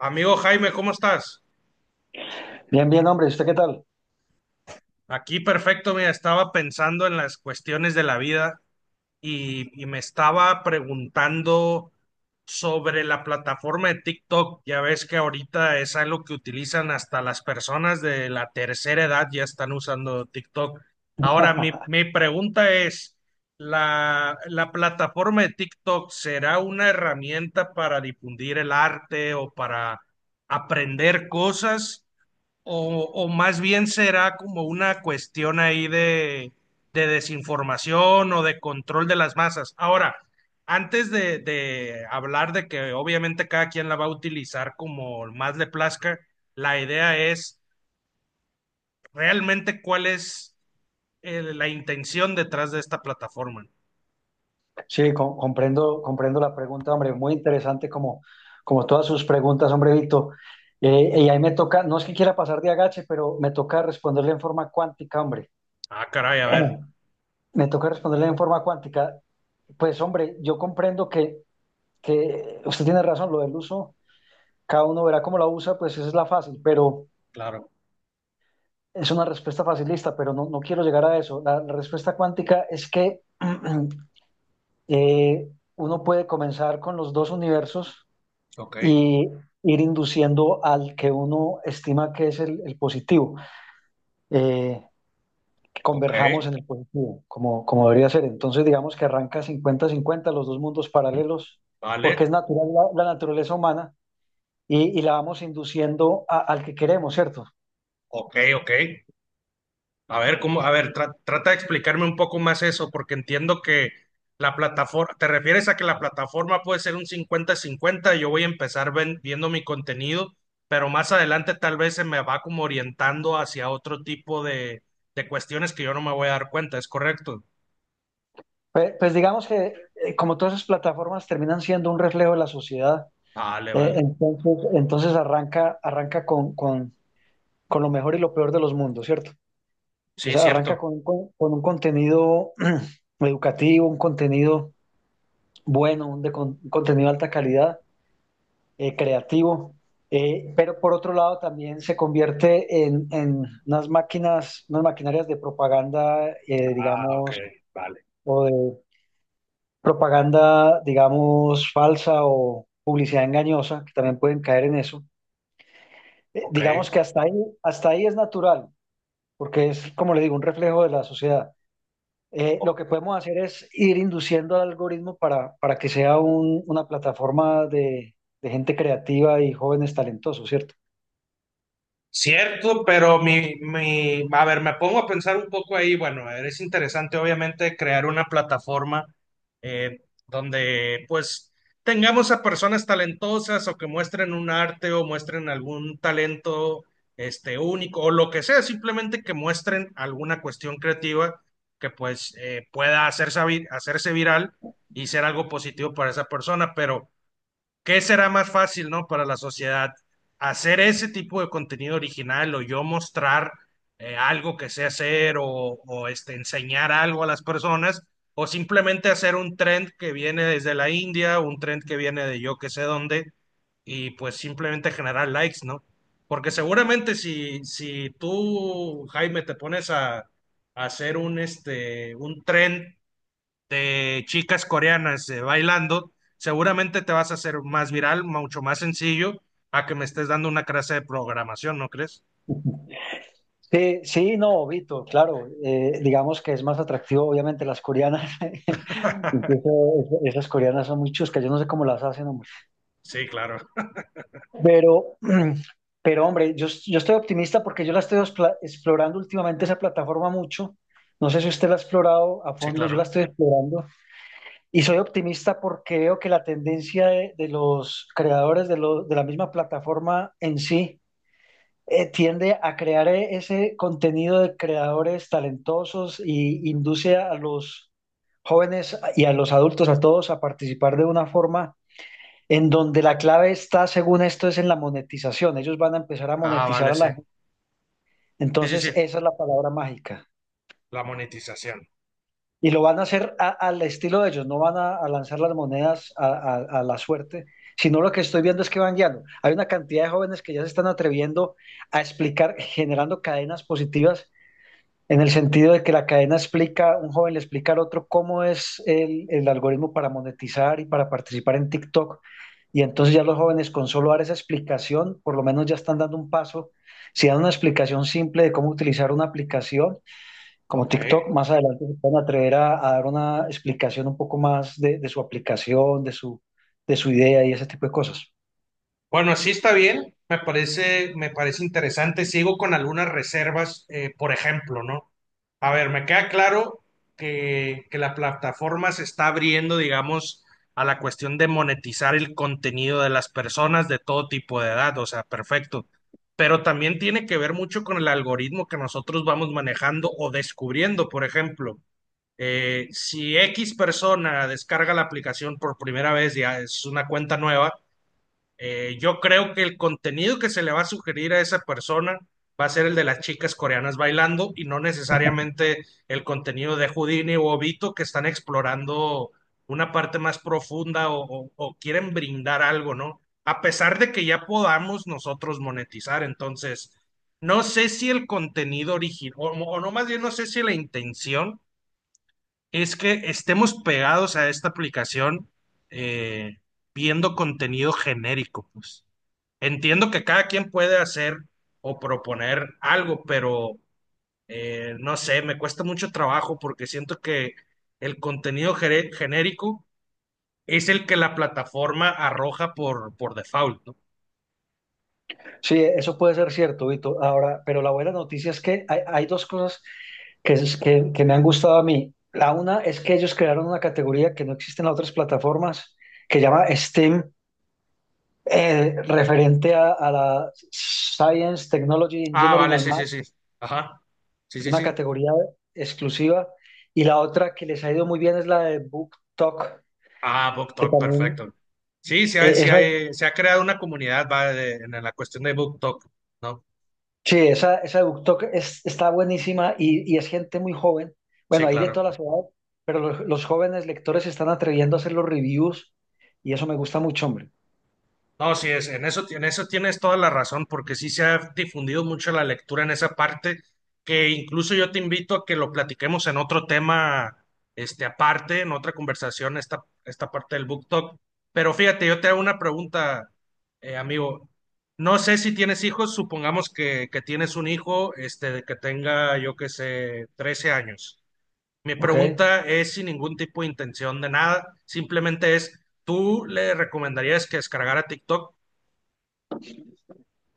Amigo Jaime, ¿cómo estás? Bien, bien, hombre, ¿y usted qué tal? Aquí perfecto, mira, estaba pensando en las cuestiones de la vida y me estaba preguntando sobre la plataforma de TikTok. Ya ves que ahorita es algo que utilizan hasta las personas de la tercera edad ya están usando TikTok. Ahora, mi pregunta es, ¿la plataforma de TikTok será una herramienta para difundir el arte o para aprender cosas? O más bien será como una cuestión ahí de desinformación o de control de las masas. Ahora, antes de hablar de que obviamente cada quien la va a utilizar como más le plazca, la idea es realmente cuál es la intención detrás de esta plataforma. Comprendo la pregunta, hombre, muy interesante como todas sus preguntas, hombre, Vito. Y ahí me toca, no es que quiera pasar de agache, pero me toca responderle en forma cuántica, hombre. Ah, caray, a ver, Me toca responderle en forma cuántica. Pues, hombre, que usted tiene razón, lo del uso, cada uno verá cómo la usa, pues esa es la fácil, pero claro. es una respuesta facilista, pero no, no quiero llegar a eso. La respuesta cuántica es que eh, uno puede comenzar con los dos universos Ok, y ir induciendo al que uno estima que es el positivo, eh, que ok, converjamos en el positivo, como debería ser. Entonces, digamos que arranca cincuenta cincuenta los dos mundos paralelos, vale, porque es natural la naturaleza humana y la vamos induciendo al que queremos, ¿cierto? ok, ok. A ver, cómo, a ver, trata de explicarme un poco más eso, porque entiendo que la plataforma, ¿te refieres a que la plataforma puede ser un cincuenta-cincuenta 50? Yo voy a empezar viendo mi contenido, pero más adelante tal vez se me va como orientando hacia otro tipo de cuestiones que yo no me voy a dar cuenta, ¿es correcto? Pues, digamos que como todas esas plataformas terminan siendo un reflejo de la sociedad, Vale, eh, vale. entonces, entonces arranca con lo mejor y lo peor de los mundos, ¿cierto? Sí, Entonces arranca cierto. Con un contenido educativo, un contenido bueno, un contenido de alta calidad, creativo, pero por otro lado también se convierte en unas máquinas, unas maquinarias de propaganda, Ah, ok, digamos, vale, o de propaganda, digamos, falsa o publicidad engañosa, que también pueden caer en eso. Ok. Digamos que hasta ahí es natural, porque es, como le digo, un reflejo de la sociedad. Lo que podemos hacer es ir induciendo al algoritmo para que sea una plataforma de gente creativa y jóvenes talentosos, ¿cierto? Cierto, pero mi, a ver, me pongo a pensar un poco ahí. Bueno, a ver, es interesante, obviamente, crear una plataforma eh, donde, pues, tengamos a personas talentosas o que muestren un arte o muestren algún talento, este, único o lo que sea, simplemente que muestren alguna cuestión creativa que, pues, pueda hacerse, hacerse viral y ser algo positivo para esa persona. Pero ¿qué será más fácil, ¿no? Para la sociedad, hacer ese tipo de contenido original o yo mostrar algo que sé hacer o, este, enseñar algo a las personas o simplemente hacer un trend que viene desde la India, un trend que viene de yo que sé dónde y pues simplemente generar likes, ¿no? Porque seguramente si, si tú, Jaime, te pones a hacer un, este, un trend de chicas coreanas bailando, seguramente te vas a hacer más viral, mucho más sencillo, a que me estés dando una clase de programación, ¿no crees? Sí, sí, no, Vito, claro. Digamos que es más atractivo, obviamente, las coreanas. Incluso esas coreanas son muy chuscas, yo no sé cómo las hacen, hombre. Sí, claro, Pero, pero hombre, yo estoy optimista porque yo la estoy explorando últimamente esa plataforma mucho. No sé si usted la ha explorado a sí, fondo, yo la claro. estoy explorando. Y soy optimista porque veo que la tendencia de los creadores de, de la misma plataforma en sí tiende a crear ese contenido de creadores talentosos y induce a los jóvenes y a los adultos, a todos, a participar de una forma en donde la clave está, según esto, es en la monetización. Ellos van a empezar a Ah, monetizar vale, a sí. la gente. Sí, sí, Entonces, sí. esa es la palabra mágica. La monetización. Y lo van a hacer al estilo de ellos, no van a lanzar las monedas a, a la suerte, sino lo que estoy viendo es que van guiando. Hay una cantidad de jóvenes que ya se están atreviendo a explicar, generando cadenas positivas, en el sentido de que la cadena explica, un joven le explica al otro cómo es el algoritmo para monetizar y para participar en TikTok. Y entonces ya los jóvenes con solo dar esa explicación, por lo menos ya están dando un paso. Si dan una explicación simple de cómo utilizar una aplicación, como Ok. TikTok, más adelante se pueden atrever a dar una explicación un poco más de su aplicación, de su idea y ese tipo de cosas. Bueno, así está bien, me parece interesante. Sigo con algunas reservas, por ejemplo, ¿no? A ver, me queda claro que la plataforma se está abriendo, digamos, a la cuestión de monetizar el contenido de las personas de todo tipo de edad, o sea, perfecto. Pero también tiene que ver mucho con el algoritmo que nosotros vamos manejando o descubriendo, por ejemplo. Si X persona descarga la aplicación por primera vez, ya es una cuenta nueva, yo creo que el contenido que se le va a sugerir a esa persona va a ser el de las chicas coreanas bailando y no necesariamente el contenido de Houdini o Obito que están explorando una parte más profunda o, o quieren brindar algo, ¿no? A pesar de que ya podamos nosotros monetizar, entonces, no sé si el contenido original, o no más bien, no sé si la intención es que estemos pegados a esta aplicación eh, viendo contenido genérico, pues. Entiendo que cada quien puede hacer o proponer algo, pero no sé, me cuesta mucho trabajo porque siento que el contenido genérico es el que la plataforma arroja por default, ¿no? Sí, eso puede ser cierto, Vito. Ahora, pero la buena noticia es que hay dos cosas que me han gustado a mí. La una es que ellos crearon una categoría que no existe en las otras plataformas, que llama STEAM, referente a la Science, Technology, Ah, Engineering vale, and sí, sí, Math, sí. Ajá. Sí, sí, una sí. categoría exclusiva. Y la otra que les ha ido muy bien es la de Book Talk. Ah, Book Talk, perfecto. Sí, sí, hay, Eh, Esa, se ha creado una comunidad va, en la cuestión de Book Talk, ¿no? sí, esa de BookTok es, está buenísima y es gente muy joven. Bueno, Sí, hay de claro. todas las edades, pero los jóvenes lectores se están atreviendo a hacer los reviews y eso me gusta mucho, hombre. No, sí, es, en eso tienes toda la razón, porque sí se ha difundido mucho la lectura en esa parte, que incluso yo te invito a que lo platiquemos en otro tema, este, aparte, en otra conversación, esta parte del book talk. Pero fíjate, yo te hago una pregunta, amigo. No sé si tienes hijos, supongamos que tienes un hijo, este, de que tenga, yo qué sé, 13 años. Mi ¿Ok? pregunta es sin ningún tipo de intención de nada, simplemente es, ¿tú le recomendarías que descargara TikTok?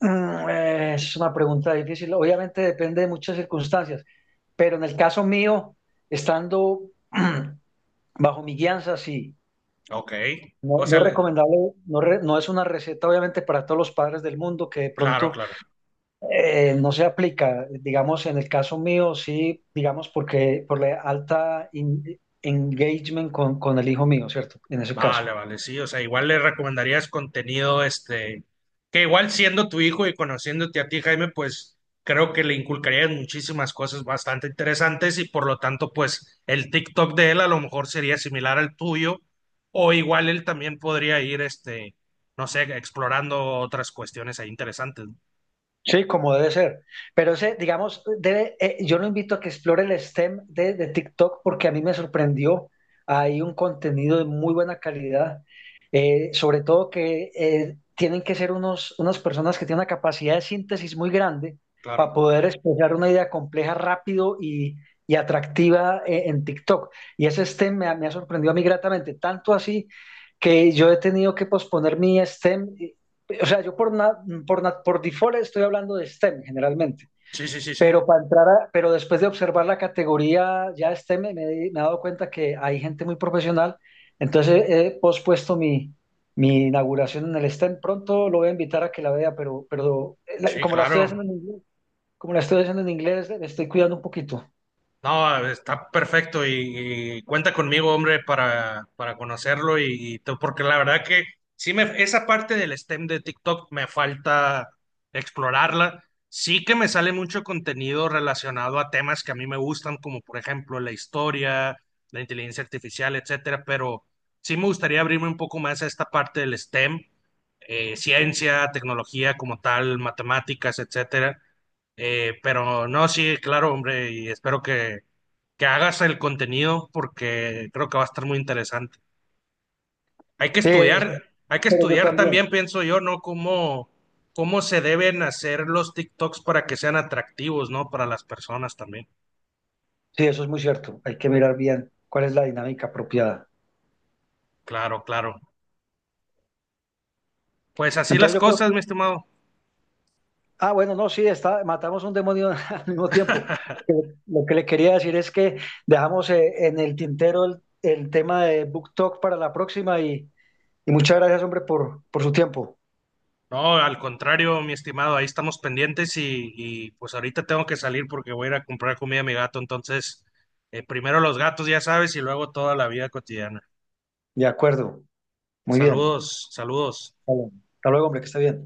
Es una pregunta difícil. Obviamente depende de muchas circunstancias, pero en el caso mío, estando bajo mi guianza, sí. Ok. No, O sea, no le- recomendable, no, no es una receta obviamente para todos los padres del mundo que de claro, pronto. claro. No se aplica, digamos, en el caso mío, sí, digamos, porque por la alta engagement con el hijo mío, ¿cierto? En ese caso. Vale, vale, sí. O sea, igual le recomendarías contenido, este, que igual siendo tu hijo y conociéndote a ti, Jaime, pues creo que le inculcarías muchísimas cosas bastante interesantes y por lo tanto, pues el TikTok de él a lo mejor sería similar al tuyo o igual él también podría ir, este, no sé, explorando otras cuestiones ahí interesantes. Sí, como debe ser. Pero ese, digamos, debe, yo lo invito a que explore el STEM de TikTok porque a mí me sorprendió. Hay un contenido de muy buena calidad, sobre todo que tienen que ser unas personas que tienen una capacidad de síntesis muy grande para Claro. poder expresar una idea compleja rápido y atractiva en TikTok. Y ese STEM me ha sorprendido a mí gratamente, tanto así que yo he tenido que posponer mi STEM o sea, yo por default estoy hablando de STEM generalmente, Sí, sí, sí, sí. pero, pero después de observar la categoría ya STEM me he dado cuenta que hay gente muy profesional, entonces he pospuesto mi inauguración en el STEM. Pronto lo voy a invitar a que la vea, pero Sí, como la estoy claro. haciendo en inglés, como la estoy haciendo en inglés, me estoy cuidando un poquito. No, está perfecto y cuenta conmigo, hombre, para conocerlo y todo, porque la verdad que sí me, esa parte del STEM de TikTok me falta explorarla. Sí que me sale mucho contenido relacionado a temas que a mí me gustan, como por ejemplo la historia, la inteligencia artificial, etcétera, pero sí me gustaría abrirme un poco más a esta parte del STEM, ciencia, tecnología como tal, matemáticas, etcétera. Pero no, sí, claro, hombre, y espero que hagas el contenido porque creo que va a estar muy interesante. Sí, eso, Hay que pero yo estudiar también. también, pienso yo, ¿no? Cómo, cómo se deben hacer los TikToks para que sean atractivos, ¿no? Para las personas también. Sí, eso es muy cierto. Hay que mirar bien cuál es la dinámica apropiada. Claro, claro. Pues así las Entonces yo creo cosas, mi estimado. Ah, bueno, no, sí, está, matamos un demonio al mismo tiempo. Eh, Lo que le quería decir es que dejamos en el tintero el tema de Book Talk para la próxima y muchas gracias, hombre, por su tiempo. No, al contrario, mi estimado, ahí estamos pendientes y pues ahorita tengo que salir porque voy a ir a comprar comida a mi gato, entonces primero los gatos, ya sabes, y luego toda la vida cotidiana. De acuerdo, muy bien. Saludos, saludos. Vale. Hasta luego, hombre, que esté bien.